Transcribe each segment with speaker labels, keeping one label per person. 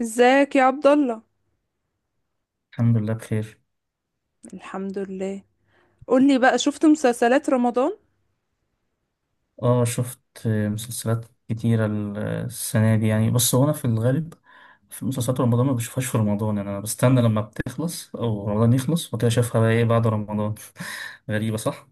Speaker 1: ازيك يا عبد الله؟
Speaker 2: الحمد لله بخير.
Speaker 1: الحمد لله. قولي بقى، شفت مسلسلات رمضان؟
Speaker 2: اه، شفت مسلسلات كتيرة السنة دي. يعني بس هو أنا في الغالب في مسلسلات رمضان ما بشوفهاش في رمضان، يعني أنا بستنى لما بتخلص أو رمضان يخلص وكده أشوفها بقى إيه بعد رمضان. غريبة صح؟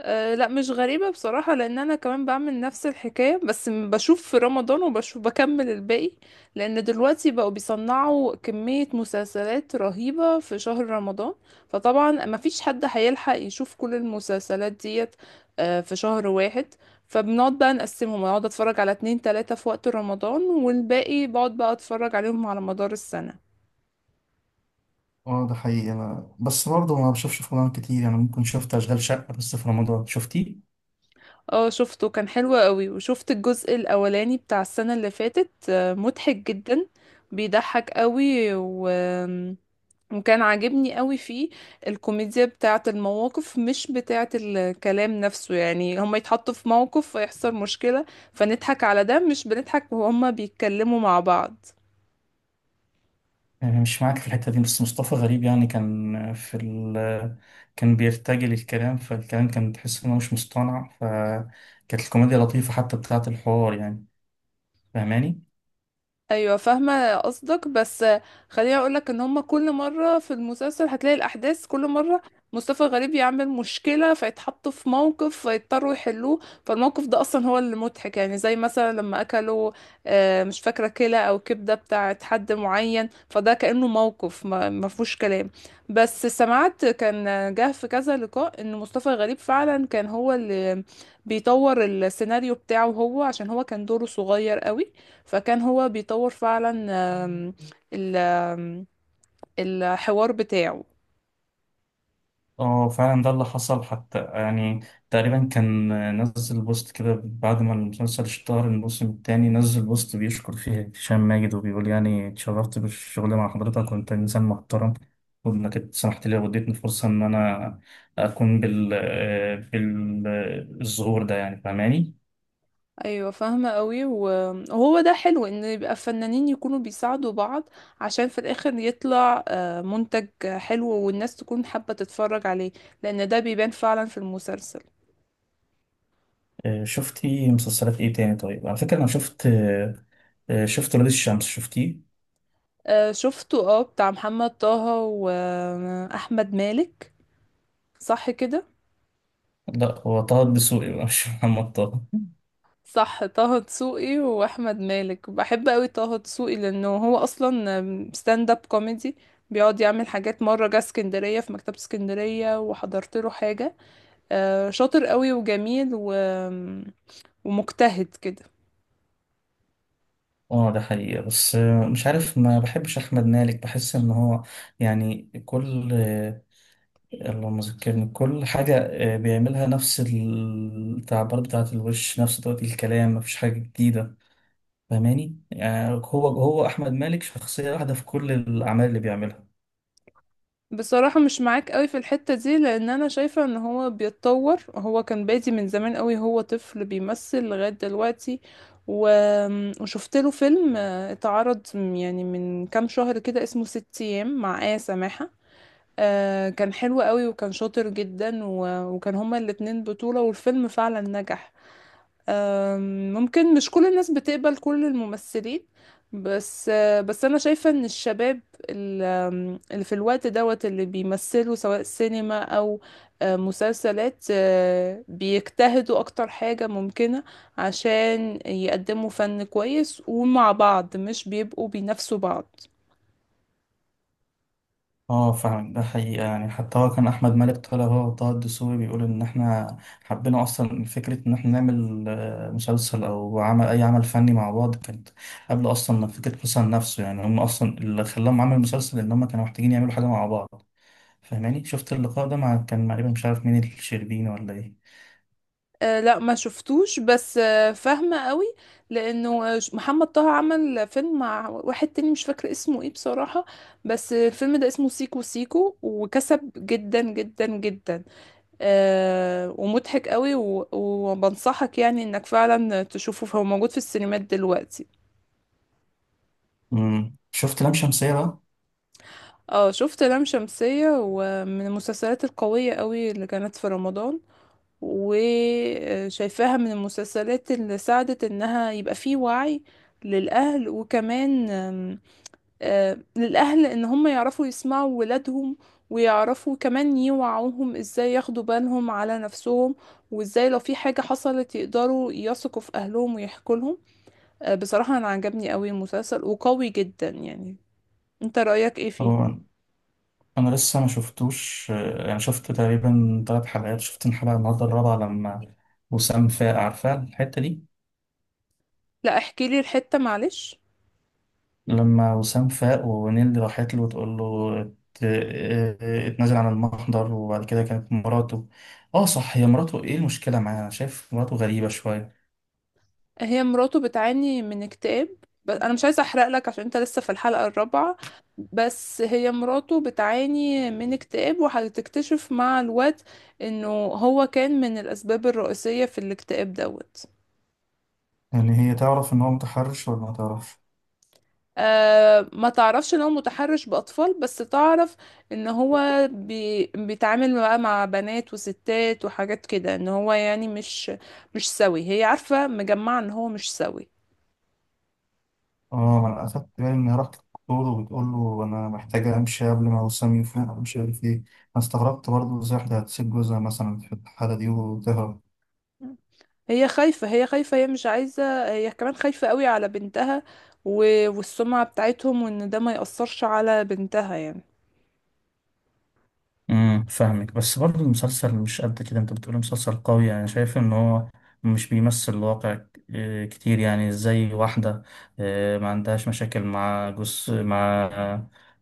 Speaker 1: أه لا، مش غريبة بصراحة، لأن أنا كمان بعمل نفس الحكاية، بس بشوف في رمضان وبشوف بكمل الباقي. لأن دلوقتي بقوا بيصنعوا كمية مسلسلات رهيبة في شهر رمضان، فطبعا مفيش حد هيلحق يشوف كل المسلسلات ديت. أه، في شهر واحد. فبنقعد بقى نقسمهم، اقعد اتفرج على اتنين تلاتة في وقت رمضان، والباقي بقعد بقى اتفرج عليهم على مدار السنة.
Speaker 2: اه، ده حقيقي. انا بس برضه ما بشوفش في رمضان كتير، يعني ممكن شفت اشغال شقه، بس في رمضان شفتيه؟
Speaker 1: اه شفته، كان حلو قوي. وشفت الجزء الاولاني بتاع السنة اللي فاتت، مضحك جدا، بيضحك قوي وكان عاجبني قوي فيه. الكوميديا بتاعة المواقف، مش بتاعة الكلام نفسه. يعني هما يتحطوا في موقف فيحصل مشكلة، فنضحك على ده، مش بنضحك وهما بيتكلموا مع بعض.
Speaker 2: يعني مش معاك في الحته دي، بس مصطفى غريب يعني كان في ال كان بيرتجل الكلام، فالكلام كان تحس انه مش مصطنع، فكانت الكوميديا لطيفه حتى بتاعه الحوار يعني. فاهماني؟
Speaker 1: ايوه فاهمه قصدك، بس خليني اقولك ان هما كل مره في المسلسل هتلاقي الاحداث كل مره مصطفى غريب يعمل مشكله، فيتحطوا في موقف فيضطروا يحلوه. فالموقف ده اصلا هو اللي مضحك. يعني زي مثلا لما اكلوا، مش فاكره، كلى او كبده بتاعت حد معين، فده كانه موقف ما ما فيهوش كلام. بس سمعت كان جه في كذا لقاء ان مصطفى غريب فعلا كان هو اللي بيطور السيناريو بتاعه هو، عشان هو كان دوره صغير قوي، فكان هو بيطور فعلا آم، ال- آم، الحوار بتاعه.
Speaker 2: اه فعلا ده اللي حصل حتى يعني. تقريبا كان نزل بوست كده بعد ما المسلسل اشتهر الموسم التاني، نزل بوست بيشكر فيه هشام ماجد، وبيقول يعني اتشرفت بالشغل مع حضرتك وانت انسان محترم، وانك سمحت لي واديتني فرصة ان انا اكون بالظهور ده، يعني فاهماني؟
Speaker 1: ايوه فاهمه قوي، وهو ده حلو، ان يبقى فنانين يكونوا بيساعدوا بعض، عشان في الاخر يطلع منتج حلو، والناس تكون حابه تتفرج عليه، لان ده بيبان فعلا في المسلسل.
Speaker 2: شفتي مسلسلات ايه تاني؟ طيب على فكرة انا شفت، شفت ولاد الشمس، شفتيه؟
Speaker 1: شفته، اه، بتاع محمد طه واحمد مالك، صح كده؟
Speaker 2: لا، هو طه الدسوقي بقى، مش محمد طه.
Speaker 1: صح، طه دسوقي واحمد مالك. بحب قوي طه دسوقي لانه هو اصلا ستاند اب كوميدي، بيقعد يعمل حاجات. مره جه اسكندريه، في مكتبه اسكندريه، وحضرت له حاجه. شاطر قوي وجميل ومجتهد كده.
Speaker 2: اه ده حقيقة، بس مش عارف، ما بحبش أحمد مالك. بحس إن هو يعني كل اللهم ذكرني كل حاجة بيعملها نفس التعبيرات بتاعة الوش، نفس طريقة الكلام، مفيش حاجة جديدة. فاهماني؟ يعني هو أحمد مالك شخصية واحدة في كل الأعمال اللي بيعملها.
Speaker 1: بصراحه مش معاك قوي في الحته دي، لان انا شايفه ان هو بيتطور. هو كان بادي من زمان قوي، هو طفل بيمثل لغايه دلوقتي. و... وشفت له فيلم اتعرض يعني من كام شهر كده، اسمه ست ايام، مع آية سماحة. كان حلو قوي، وكان شاطر جدا، وكان هما الاتنين بطولة، والفيلم فعلا نجح. ممكن مش كل الناس بتقبل كل الممثلين، بس انا شايفة ان الشباب ال- آم، اللي في الوقت دوت اللي بيمثلوا، سواء سينما او مسلسلات، بيجتهدوا اكتر حاجة ممكنة عشان يقدموا فن كويس، ومع بعض مش بيبقوا بينافسوا بعض.
Speaker 2: اه فعلا ده حقيقة يعني. حتى هو كان أحمد مالك طالع هو وطه الدسوقي، بيقول إن إحنا حبينا أصلا فكرة إن إحنا نعمل مسلسل أو عمل أي عمل فني مع بعض، كانت قبل أصلا ما فكرة مسلسل نفسه. يعني هم أصلا اللي خلاهم عمل مسلسل إن هم كانوا محتاجين يعملوا حاجة مع بعض. فاهماني؟ شفت اللقاء ده مع كان تقريبا مش عارف مين، الشربيني ولا إيه؟
Speaker 1: آه لا ما شفتوش، بس آه فاهمة قوي. لأنه محمد طه عمل فيلم مع واحد تاني مش فاكرة اسمه ايه بصراحة، بس الفيلم ده اسمه سيكو سيكو، وكسب جدا جدا جدا. آه، ومضحك قوي، وبنصحك يعني انك فعلا تشوفه، فهو موجود في السينمات دلوقتي.
Speaker 2: مم. شفت لام شمسية بقى؟
Speaker 1: اه شفت لام شمسية، ومن المسلسلات القوية قوي اللي كانت في رمضان، وشايفاها من المسلسلات اللي ساعدت انها يبقى فيه وعي للأهل. وكمان آم، آه، للأهل ان هم يعرفوا يسمعوا ولادهم، ويعرفوا كمان يوعوهم ازاي ياخدوا بالهم على نفسهم، وازاي لو في حاجة حصلت يقدروا يثقوا في اهلهم ويحكوا لهم. بصراحة انا عجبني قوي المسلسل، وقوي جدا يعني. انت رأيك ايه فيه؟
Speaker 2: هو أنا لسه ما شفتوش. يعني شفت تقريبا تلات حلقات، شفت الحلقة النهاردة الرابعة لما وسام فاق، عارفة الحتة دي؟
Speaker 1: لا احكي لي الحتة، معلش.
Speaker 2: لما وسام فاق ونيل راحت له وتقول له اتنازل عن المحضر، وبعد كده كانت مراته. اه صح، هي مراته. ايه المشكلة معاها؟ انا شايف مراته غريبة شوية.
Speaker 1: هي مراته بتعاني من اكتئاب. بس انا مش عايزه احرق لك عشان انت لسه في الحلقه الرابعه. بس هي مراته بتعاني من اكتئاب، وهتكتشف مع الوقت انه هو كان من الاسباب الرئيسيه في الاكتئاب دوت.
Speaker 2: يعني هي تعرف ان هو متحرش ولا ما تعرفش؟
Speaker 1: أه ما تعرفش ان هو متحرش باطفال، بس تعرف ان هو بيتعامل بقى مع بنات وستات وحاجات كده، ان هو يعني مش سوي. هي عارفه، مجمعه ان هو مش سوي.
Speaker 2: اه، ما انا اخدت بالي ان هي راحت للدكتور وبتقول له انا محتاجة امشي قبل ما وسام يفوق، مش عارف ايه. انا استغربت برضه ازاي واحدة هتسيب جوزها مثلا في الحالة دي وتهرب.
Speaker 1: هي خايفة، هي مش عايزة، هي كمان خايفة قوي على بنتها والسمعة بتاعتهم، وان ده ما يأثرش على بنتها يعني.
Speaker 2: امم، فاهمك، بس برضه المسلسل مش قد كده. انت بتقول مسلسل قوي، يعني شايف ان هو مش بيمثل الواقع كتير. يعني زي واحدة ما عندهاش مشاكل مع جوز مع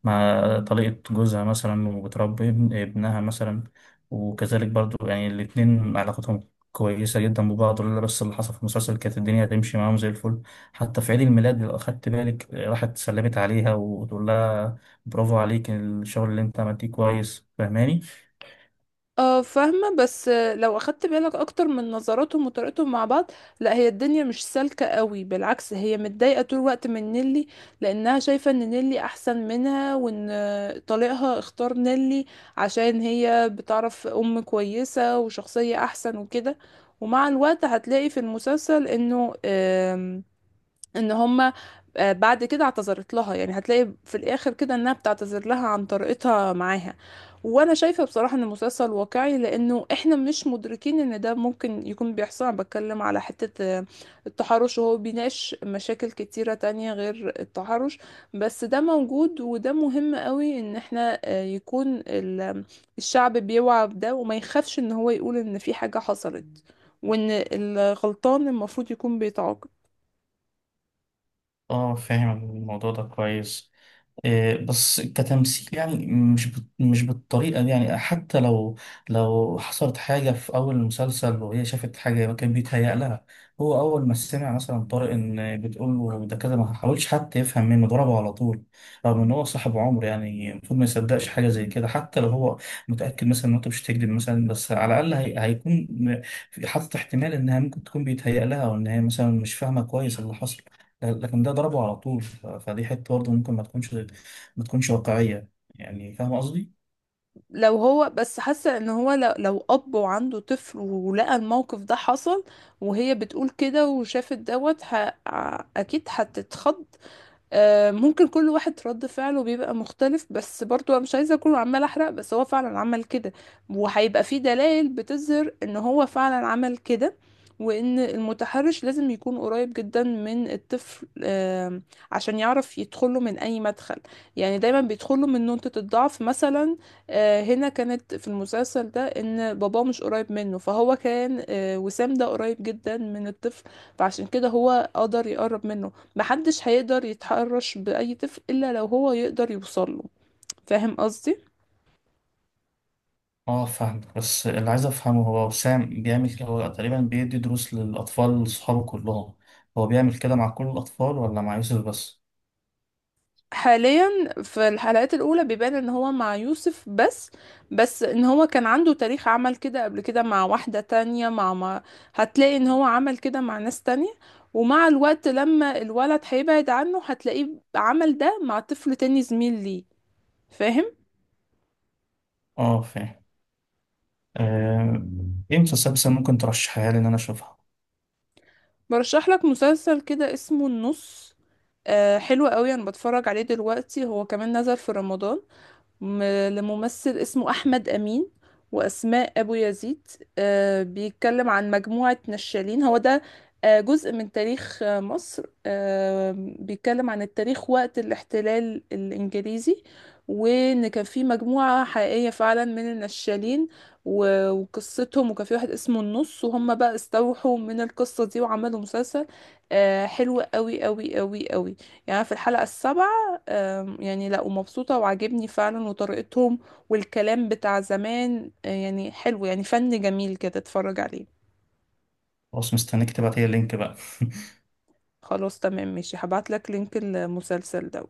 Speaker 2: مع طليقة جوزها مثلا، وبتربي ابنها مثلا، وكذلك برضه يعني الاتنين علاقتهم كويسة جدا ببعض. ولا بس اللي حصل في المسلسل كانت الدنيا هتمشي معاهم زي الفل. حتى في عيد الميلاد لو أخدت بالك، راحت سلمت عليها وتقول لها برافو عليك، الشغل اللي انت عملتيه كويس. فاهماني؟
Speaker 1: اه فاهمة، بس لو اخدت بالك اكتر من نظراتهم وطريقتهم مع بعض، لا هي الدنيا مش سالكة قوي. بالعكس، هي متضايقة طول الوقت من نيلي، لانها شايفة ان نيلي احسن منها، وان طليقها اختار نيلي عشان هي بتعرف ام كويسة وشخصية احسن وكده. ومع الوقت هتلاقي في المسلسل انه ان هما بعد كده اعتذرت لها. يعني هتلاقي في الاخر كده انها بتعتذر لها عن طريقتها معاها. وانا شايفه بصراحه ان المسلسل واقعي، لانه احنا مش مدركين ان ده ممكن يكون بيحصل. انا بتكلم على حته التحرش، وهو بيناقش مشاكل كتيره تانية غير التحرش، بس ده موجود، وده مهم قوي ان احنا يكون الشعب بيوعى بده، وما يخافش ان هو يقول ان في حاجه حصلت، وان الغلطان المفروض يكون بيتعاقب.
Speaker 2: اه فاهم الموضوع ده كويس. إيه، بس كتمثيل يعني مش بالطريقة دي. يعني حتى لو لو حصلت حاجة في أول المسلسل وهي شافت حاجة، ما كان بيتهيأ لها. هو أول ما سمع مثلا طارق إن بتقول له ده كذا، ما حاولش حتى يفهم منه، ضربه على طول. رغم إن هو صاحب عمر، يعني المفروض ما يصدقش حاجة زي كده. حتى لو هو متأكد مثلا إن أنت مش هتكذب مثلا، بس على الأقل هي هيكون حاطط احتمال إنها ممكن تكون بيتهيأ لها، أو إن هي مثلا مش فاهمة كويس اللي حصل. لكن ده ضربه على طول، فدي حته برضه ممكن ما تكونش ما تكونش واقعية. يعني فاهم قصدي؟
Speaker 1: لو هو بس حاسه ان هو لو اب وعنده طفل، ولقى الموقف ده حصل وهي بتقول كده وشافت دوت اكيد هتتخض. ممكن كل واحد رد فعله بيبقى مختلف. بس برضو انا مش عايزه اكون عمال احرق، بس هو فعلا عمل كده، وهيبقى في دلائل بتظهر ان هو فعلا عمل كده. وان المتحرش لازم يكون قريب جدا من الطفل، عشان يعرف يدخله من اي مدخل. يعني دايما بيدخله من نقطة الضعف مثلا. هنا كانت في المسلسل ده ان باباه مش قريب منه، فهو كان وسام ده قريب جدا من الطفل، فعشان كده هو قدر يقرب منه. محدش هيقدر يتحرش بأي طفل إلا لو هو يقدر يوصله. فاهم قصدي؟
Speaker 2: اه فاهم، بس اللي عايز افهمه هو وسام بيعمل كده، هو تقريبا بيدي دروس للاطفال لصحابه كلهم؟ هو بيعمل كده مع كل الاطفال ولا مع يوسف بس؟
Speaker 1: حاليا في الحلقات الأولى بيبان إن هو مع يوسف بس، بس إن هو كان عنده تاريخ عمل كده قبل كده مع واحدة تانية، مع ما هتلاقي إن هو عمل كده مع ناس تانية. ومع الوقت لما الولد هيبعد عنه هتلاقيه عمل ده مع طفل تاني زميل ليه. فاهم؟
Speaker 2: اه فاهم. آه، ايه مسلسلات بس ممكن ترشحها لي ان انا اشوفها؟
Speaker 1: برشح لك مسلسل كده اسمه النص. آه حلو قوي، انا بتفرج عليه دلوقتي، هو كمان نزل في رمضان، م- لممثل اسمه أحمد أمين وأسماء أبو يزيد. بيتكلم عن مجموعة نشالين، هو ده جزء من تاريخ مصر. بيتكلم عن التاريخ وقت الاحتلال الإنجليزي، وإن كان في مجموعة حقيقية فعلا من النشالين وقصتهم، وكان في واحد اسمه النص، وهم بقى استوحوا من القصة دي وعملوا مسلسل. حلو قوي قوي قوي قوي، يعني في الحلقة السابعة. يعني لا، ومبسوطة وعاجبني فعلا وطريقتهم، والكلام بتاع زمان يعني حلو، يعني فن جميل كده، اتفرج عليه.
Speaker 2: خلاص، مستنيك تبعت لي اللينك بقى.
Speaker 1: خلاص تمام، ماشي، هبعتلك لينك المسلسل ده.